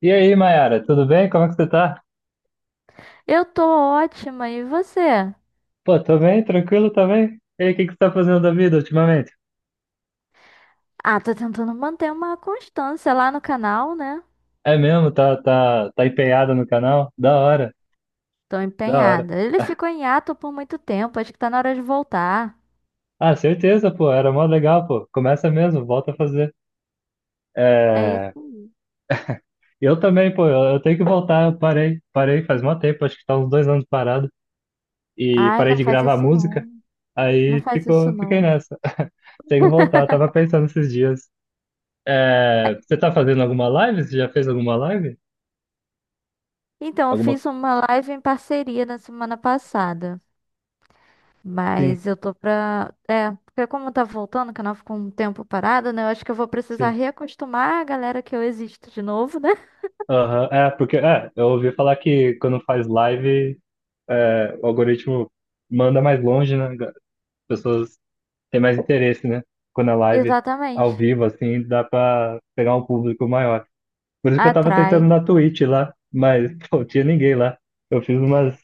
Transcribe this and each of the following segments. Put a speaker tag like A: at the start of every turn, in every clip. A: E aí, Mayara, tudo bem? Como é que você tá?
B: Eu tô ótima, e você?
A: Pô, tô bem, tranquilo também. E aí, o que que você tá fazendo da vida ultimamente?
B: Ah, tô tentando manter uma constância lá no canal, né?
A: É mesmo? Tá empenhado no canal? Da hora,
B: Tô
A: da hora.
B: empenhada. Ele ficou em hiato por muito tempo, acho que tá na hora de voltar.
A: Ah, certeza, pô, era mó legal, pô. Começa mesmo, volta a fazer.
B: É isso
A: É...
B: aí.
A: Eu também, pô, eu tenho que voltar, eu parei, faz mó tempo, acho que tá uns dois anos parado. E
B: Ai,
A: parei
B: não
A: de
B: faz
A: gravar
B: isso
A: música,
B: não. Não
A: aí
B: faz isso
A: fiquei
B: não.
A: nessa. Tenho que voltar, tava pensando esses dias. É... Você tá fazendo alguma live? Você já fez alguma live?
B: Então, eu
A: Alguma?
B: fiz uma live em parceria na semana passada.
A: Sim.
B: Mas eu tô pra. É, porque como tá voltando, o canal ficou um tempo parado, né? Eu acho que eu vou precisar
A: Sim.
B: reacostumar a galera que eu existo de novo, né?
A: Aham, é, porque é, eu ouvi falar que quando faz live, é, o algoritmo manda mais longe, né? As pessoas têm mais interesse, né? Quando é live ao
B: Exatamente.
A: vivo, assim, dá pra pegar um público maior. Por isso que eu tava tentando
B: Atrai.
A: na Twitch lá, mas pô, tinha ninguém lá. Eu fiz umas,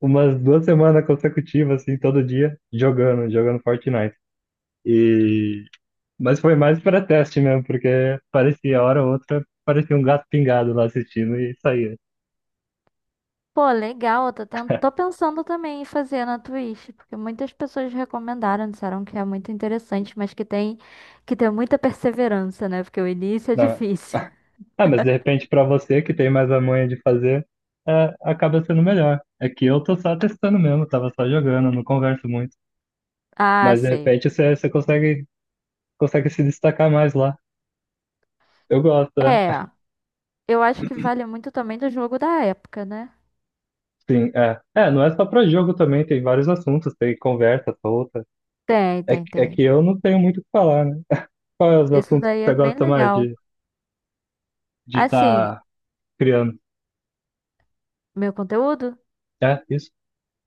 A: duas semanas consecutivas, assim, todo dia, jogando Fortnite. E... mas foi mais para teste mesmo, porque parecia, hora ou outra, parecia um gato pingado lá assistindo e saía.
B: Pô, legal, eu tô pensando também em fazer na Twitch, porque muitas pessoas recomendaram, disseram que é muito interessante, mas que tem que ter muita perseverança, né? Porque o início é
A: Né?
B: difícil.
A: Ah, mas de repente para você que tem mais a manha de fazer, é, acaba sendo melhor. É que eu tô só testando mesmo, tava só jogando, não converso muito.
B: Ah,
A: Mas de
B: sei.
A: repente você consegue, se destacar mais lá. Eu gosto, é.
B: É, eu acho que vale muito também do jogo da época, né?
A: Sim, é. É, não é só para jogo também, tem vários assuntos, tem conversa solta.
B: Tem,
A: É,
B: tem,
A: é
B: tem.
A: que eu não tenho muito o que falar, né? Qual é os
B: Isso
A: assuntos que
B: daí é
A: você
B: bem
A: gosta mais
B: legal.
A: de
B: Assim,
A: estar criando?
B: meu conteúdo?
A: É, isso?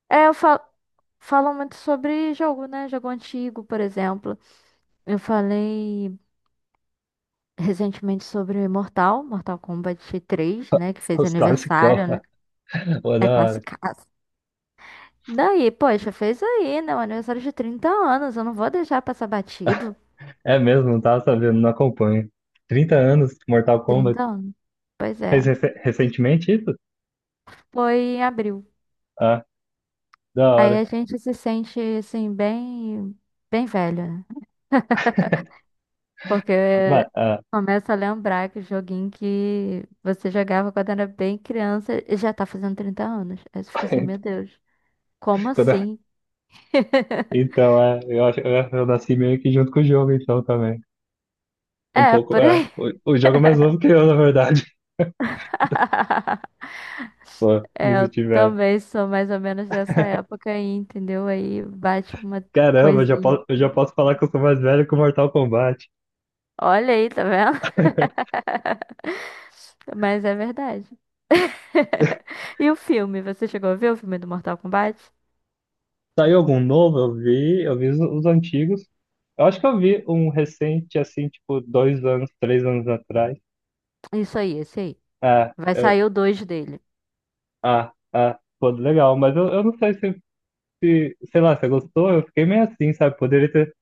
B: É, eu falo, falo muito sobre jogo, né? Jogo antigo, por exemplo. Eu falei recentemente sobre Mortal Kombat 3, né? Que fez
A: Os classicão.
B: aniversário, né?
A: Pô,
B: É
A: da hora.
B: classicaço. Daí, poxa, fez aí, né? Um aniversário de 30 anos. Eu não vou deixar passar batido.
A: É mesmo, não tava sabendo, não acompanho. 30 anos, Mortal Kombat.
B: 30 anos. Pois é.
A: Fez recentemente isso?
B: Foi em abril.
A: Ah, da
B: Aí
A: hora.
B: a gente se sente, assim, bem, bem velho, né?
A: Mas,
B: Porque
A: ah,
B: começa a lembrar que o joguinho que você jogava quando era bem criança e já tá fazendo 30 anos. Aí você fica assim, meu Deus, como
A: quando eu-
B: assim?
A: então, é, eu acho, eu nasci meio que junto com o jogo, então, também. Um
B: É,
A: pouco,
B: por
A: é.
B: aí.
A: O jogo é mais novo que eu, na verdade. Pô, me
B: É, eu
A: senti velho.
B: também sou mais ou menos dessa época aí, entendeu? Aí bate uma
A: Caramba, eu já
B: coisinha.
A: posso, eu já posso falar que eu sou mais velho que o Mortal Kombat.
B: Olha aí, tá vendo? Mas é verdade. E o filme? Você chegou a ver o filme do Mortal Kombat?
A: Saiu algum novo? Eu vi os antigos. Eu acho que eu vi um recente, assim, tipo, dois anos, três anos atrás.
B: Isso aí, esse aí.
A: Ah,
B: Vai
A: eu,
B: sair o 2 dele.
A: pô, legal, mas eu não sei se, sei lá, você gostou? Eu fiquei meio assim, sabe? Poderia ter.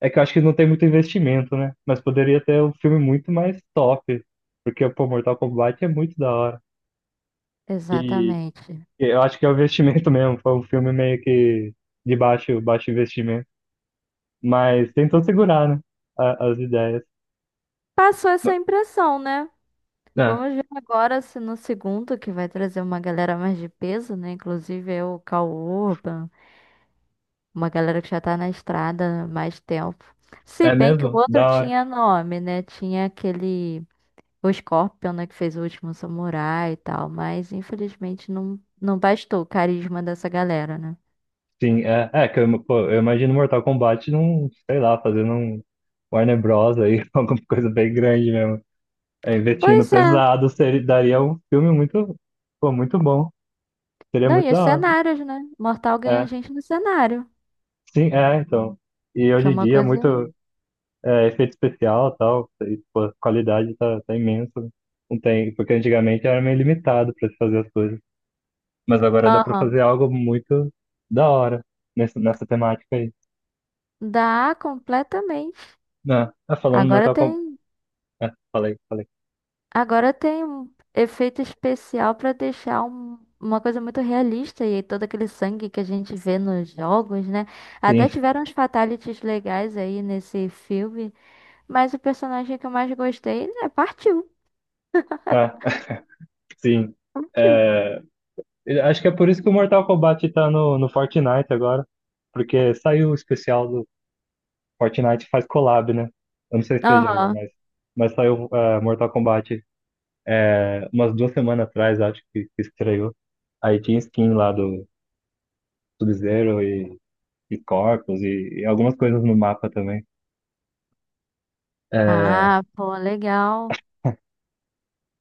A: É que eu acho que não tem muito investimento, né? Mas poderia ter um filme muito mais top. Porque, pô, Mortal Kombat é muito da hora. E
B: Exatamente.
A: e eu acho que é o investimento mesmo. Foi um filme meio que de baixo, baixo investimento. Mas tentou segurar, né? As ideias.
B: Passou essa impressão, né?
A: Ah,
B: Vamos ver agora se no segundo, que vai trazer uma galera mais de peso, né? Inclusive é o Cal Urban. Uma galera que já tá na estrada há mais tempo. Se
A: é
B: bem que o
A: mesmo?
B: outro
A: Da hora.
B: tinha nome, né? Tinha aquele. O Scorpion, né? Que fez o último samurai e tal. Mas infelizmente não, não bastou o carisma dessa galera, né?
A: Sim, é que eu, pô, eu imagino Mortal Kombat num, sei lá, fazendo um Warner Bros. Aí, alguma coisa bem grande mesmo. É, investindo
B: Pois é.
A: pesado, daria um filme muito, pô, muito bom. Seria
B: Não,
A: muito
B: e os
A: da hora.
B: cenários, né? Mortal ganha
A: É,
B: gente no cenário.
A: sim, é, então. E
B: Que
A: hoje
B: é
A: em
B: uma
A: dia, é
B: coisa.
A: muito efeito especial e tal, e, pô, a qualidade tá, imensa. Não tem, porque antigamente era meio limitado para se fazer as coisas. Mas agora dá para
B: Aham.
A: fazer algo muito da hora nessa, temática aí.
B: Dá completamente.
A: Ah, falando do
B: Agora
A: Mortal Kombat.
B: tem.
A: É, falei, falei.
B: Agora tem um efeito especial pra deixar uma coisa muito realista e todo aquele sangue que a gente vê nos jogos, né?
A: Sim,
B: Até tiveram uns fatalities legais aí nesse filme, mas o personagem que eu mais gostei, né, partiu,
A: ah, sim.
B: partiu.
A: É, acho que é por isso que o Mortal Kombat tá no, Fortnite agora. Porque saiu o especial do Fortnite faz collab, né? Eu não sei se você joga,
B: Aham.
A: mas, saiu Mortal Kombat umas duas semanas atrás, acho que, estreou. Aí tinha skin lá do Sub-Zero e Corpus e algumas coisas no mapa também. É,
B: Ah, pô, legal.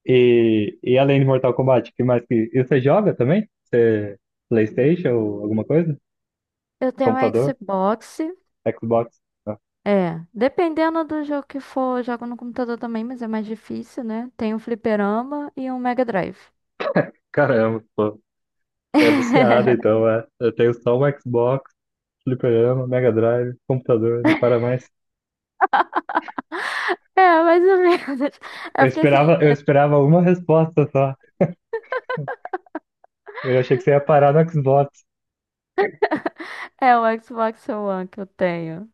A: e além de Mortal Kombat, que mais que. E você joga também? Você PlayStation ou alguma coisa?
B: Eu tenho um
A: Computador?
B: Xbox.
A: Xbox? Ah,
B: É, dependendo do jogo que for, eu jogo no computador também, mas é mais difícil, né? Tem um fliperama e um Mega Drive.
A: caramba, pô. É viciado, então, é. Eu tenho só o Xbox, fliperama, Mega Drive, computador, não para mais.
B: É, mais ou menos.
A: Eu
B: É porque assim,
A: esperava, eu esperava uma resposta só. Eu achei que você ia parar no Xbox,
B: é o Xbox One que eu tenho.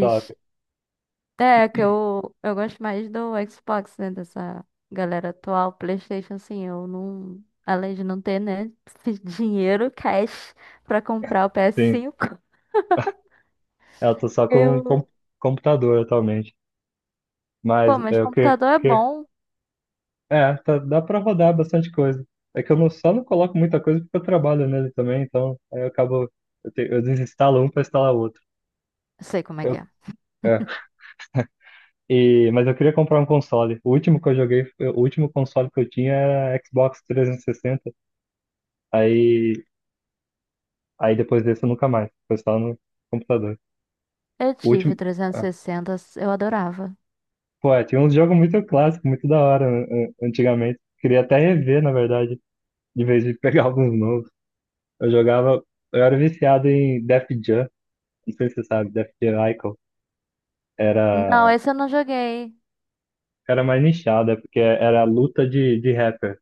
A: só.
B: é que eu gosto mais do Xbox, né? Dessa galera atual. PlayStation, assim, eu não. Além de não ter, né? esse dinheiro, cash, pra comprar o
A: Sim,
B: PS5,
A: eu tô só com
B: eu.
A: computador atualmente.
B: Pô,
A: Mas
B: mas
A: eu que,
B: computador é
A: que
B: bom.
A: dá pra rodar bastante coisa. É que eu não, só não coloco muita coisa porque eu trabalho nele também, então aí eu acabo, eu desinstalo um pra instalar outro.
B: Sei como é que
A: Eu,
B: é.
A: é, mas eu queria comprar um console. O último que eu joguei, o último console que eu tinha era Xbox 360. Aí, aí depois desse eu nunca mais. Foi só no computador.
B: Eu
A: O
B: tive
A: último.
B: o
A: Ah,
B: 360, eu adorava.
A: pô, é, tinha uns jogos muito clássicos, muito da hora antigamente. Queria até rever, na verdade, de vez de pegar alguns novos. Eu jogava. Eu era viciado em Def Jam. Não sei se você sabe, Def Jam Icon.
B: Não,
A: Era.
B: esse eu não joguei.
A: Era mais nichado, é porque era luta de, rapper.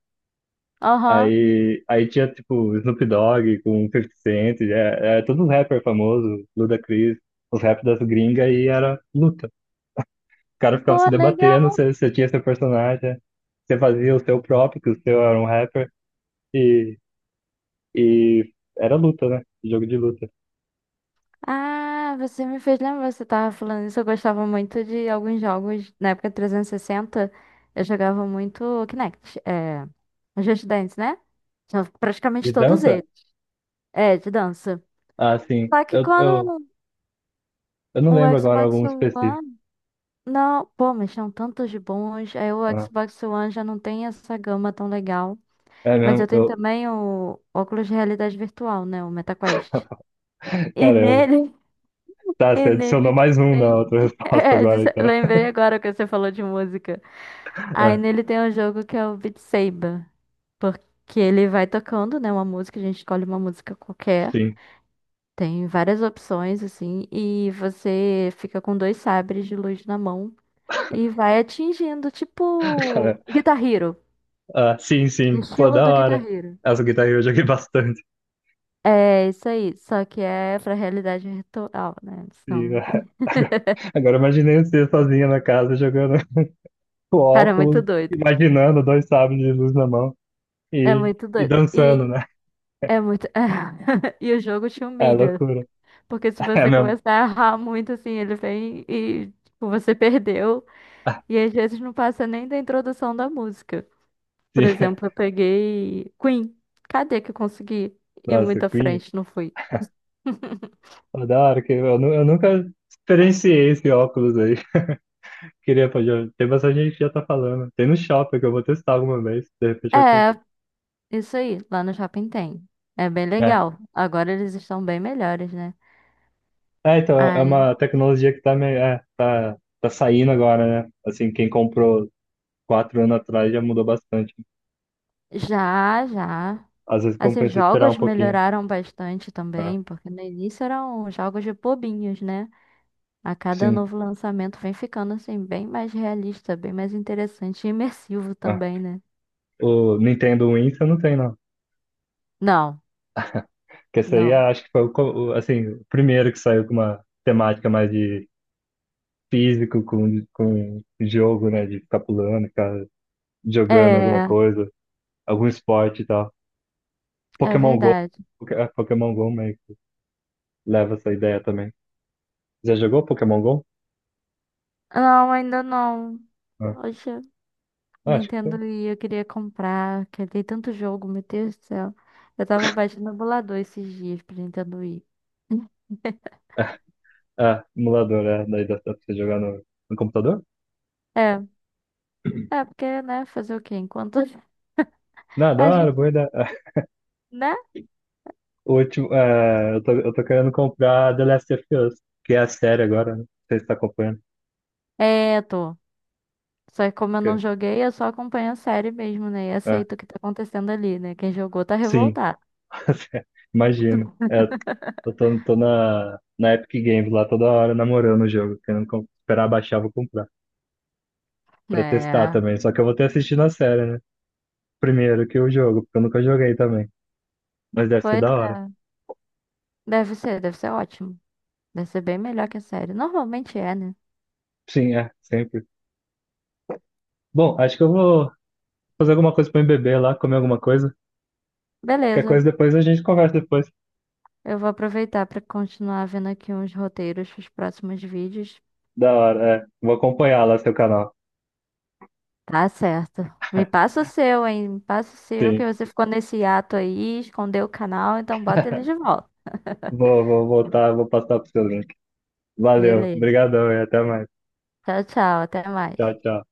B: Aham.
A: Aí tinha, tipo, Snoop Dogg com 50 Cent, todos os rappers famosos, Ludacris, os rap das gringas, e era luta. Os caras ficavam
B: Pô,
A: se debatendo,
B: legal.
A: você tinha seu personagem, você fazia o seu próprio, que o seu era um rapper, e, e era luta, né? Jogo de luta.
B: Ah, você me fez lembrar, você tava falando isso, eu gostava muito de alguns jogos, na época 360, eu jogava muito Kinect, é, Just Dance, né? Já
A: E
B: praticamente todos
A: dança?
B: eles, é, de dança.
A: Ah, sim.
B: Só que
A: Eu, eu,
B: quando
A: eu não
B: o
A: lembro agora
B: Xbox
A: algum específico.
B: One, não, pô, mas são tantos de bons, aí o
A: Ah,
B: Xbox One já não tem essa gama tão legal,
A: é
B: mas
A: mesmo?
B: eu tenho também o óculos de realidade virtual, né, o MetaQuest. E
A: Caramba.
B: nele,
A: Tá, você
B: e
A: adicionou
B: nele
A: mais um na
B: tem.
A: outra resposta
B: É,
A: agora, então.
B: lembrei agora que você falou de música. Aí
A: É,
B: nele tem um jogo que é o Beat Saber. Porque ele vai tocando, né? Uma música, a gente escolhe uma música qualquer.
A: sim.
B: Tem várias opções, assim. E você fica com dois sabres de luz na mão. E vai atingindo, tipo Guitar Hero.
A: Ah, sim,
B: No
A: sim. Pô,
B: estilo
A: da
B: do Guitar
A: hora.
B: Hero.
A: Essa Guitar Hero eu joguei bastante.
B: É isso aí. Só que é pra realidade virtual, né?
A: E, ah, agora, agora eu imaginei você sozinha na casa jogando com
B: Cara, é
A: óculos,
B: muito doido.
A: imaginando dois sabres de luz na mão
B: É
A: e,
B: muito
A: e
B: doido.
A: dançando, né?
B: É muito. E o jogo te
A: É
B: humilha.
A: loucura.
B: Porque se
A: É
B: você
A: mesmo.
B: começar a errar muito, assim, ele vem e tipo, você perdeu.
A: Ah,
B: E às vezes não passa nem da introdução da música. Por
A: sim.
B: exemplo, eu peguei Queen. Cadê que eu consegui ir
A: Nossa,
B: muito à
A: Queen.
B: frente? Não fui.
A: Pô, da hora que eu nunca experienciei esse óculos aí. Queria, pô, já, tem bastante gente que já tá falando. Tem no shopping que eu vou testar alguma vez. De repente eu
B: É,
A: compro.
B: isso aí. Lá no shopping tem. É bem
A: É,
B: legal. Agora eles estão bem melhores, né?
A: é, então, é
B: Ai,
A: uma tecnologia que tá, meio, é, tá saindo agora, né? Assim, quem comprou quatro anos atrás já mudou bastante.
B: já, já.
A: Às vezes
B: Assim,
A: compensa esperar um
B: jogos
A: pouquinho.
B: melhoraram bastante
A: Né?
B: também, porque no início eram jogos de bobinhos, né? A cada
A: Sim.
B: novo lançamento vem ficando assim, bem mais realista, bem mais interessante e imersivo
A: Né?
B: também, né?
A: O Nintendo Wii você não tem, não.
B: Não,
A: Porque esse aí
B: não.
A: acho que foi o, assim, o primeiro que saiu com uma temática mais de físico, com, jogo, né? De ficar pulando, ficar jogando alguma
B: É,
A: coisa, algum esporte e tal.
B: é
A: Pokémon Go.
B: verdade.
A: Pokémon Go meio que leva essa ideia também. Já jogou Pokémon Go?
B: Não, ainda não.
A: Ah,
B: Poxa,
A: acho.
B: Nintendo e eu queria comprar, que tem tanto jogo, meu Deus do céu. Eu tava baixando emulador esses dias pra Nintendo Wii.
A: Ah, emulador, é. Daí dá pra você jogar no, no computador?
B: É, é porque, né, fazer o quê? Enquanto
A: Não, da
B: a
A: hora,
B: gente,
A: boa ideia.
B: né?
A: Eu tô, querendo comprar The Last of Us, que é a série agora, né? Não sei se tá acompanhando.
B: É, tô. Só que como eu não
A: Que,
B: joguei, eu só acompanho a série mesmo, né? E
A: é,
B: aceito o que tá acontecendo ali, né? Quem jogou tá
A: sim,
B: revoltado.
A: imagino. É, eu tô, na, Epic Games lá toda hora namorando o jogo, querendo esperar baixar, vou comprar, pra testar
B: É,
A: também. Só que eu vou ter assistido a série, né? Primeiro que o jogo, porque eu nunca joguei também. Mas deve ser
B: pois
A: da hora.
B: é. Deve ser ótimo. Deve ser bem melhor que a série. Normalmente é, né?
A: Sim, é, sempre. Bom, acho que eu vou fazer alguma coisa pra mim beber lá, comer alguma coisa. Qualquer
B: Beleza.
A: coisa depois a gente conversa depois.
B: Eu vou aproveitar pra continuar vendo aqui uns roteiros pros próximos vídeos.
A: Da hora, é. Vou acompanhar lá seu canal.
B: Tá certo. Me passa o seu, hein? Me passa o seu, que
A: Sim.
B: você ficou nesse ato aí, escondeu o canal, então bota ele de volta.
A: Vou voltar, vou passar pro seu link. Valeu,
B: Beleza.
A: obrigadão e até mais.
B: Tchau, tchau. Até mais.
A: Tchau, tchau.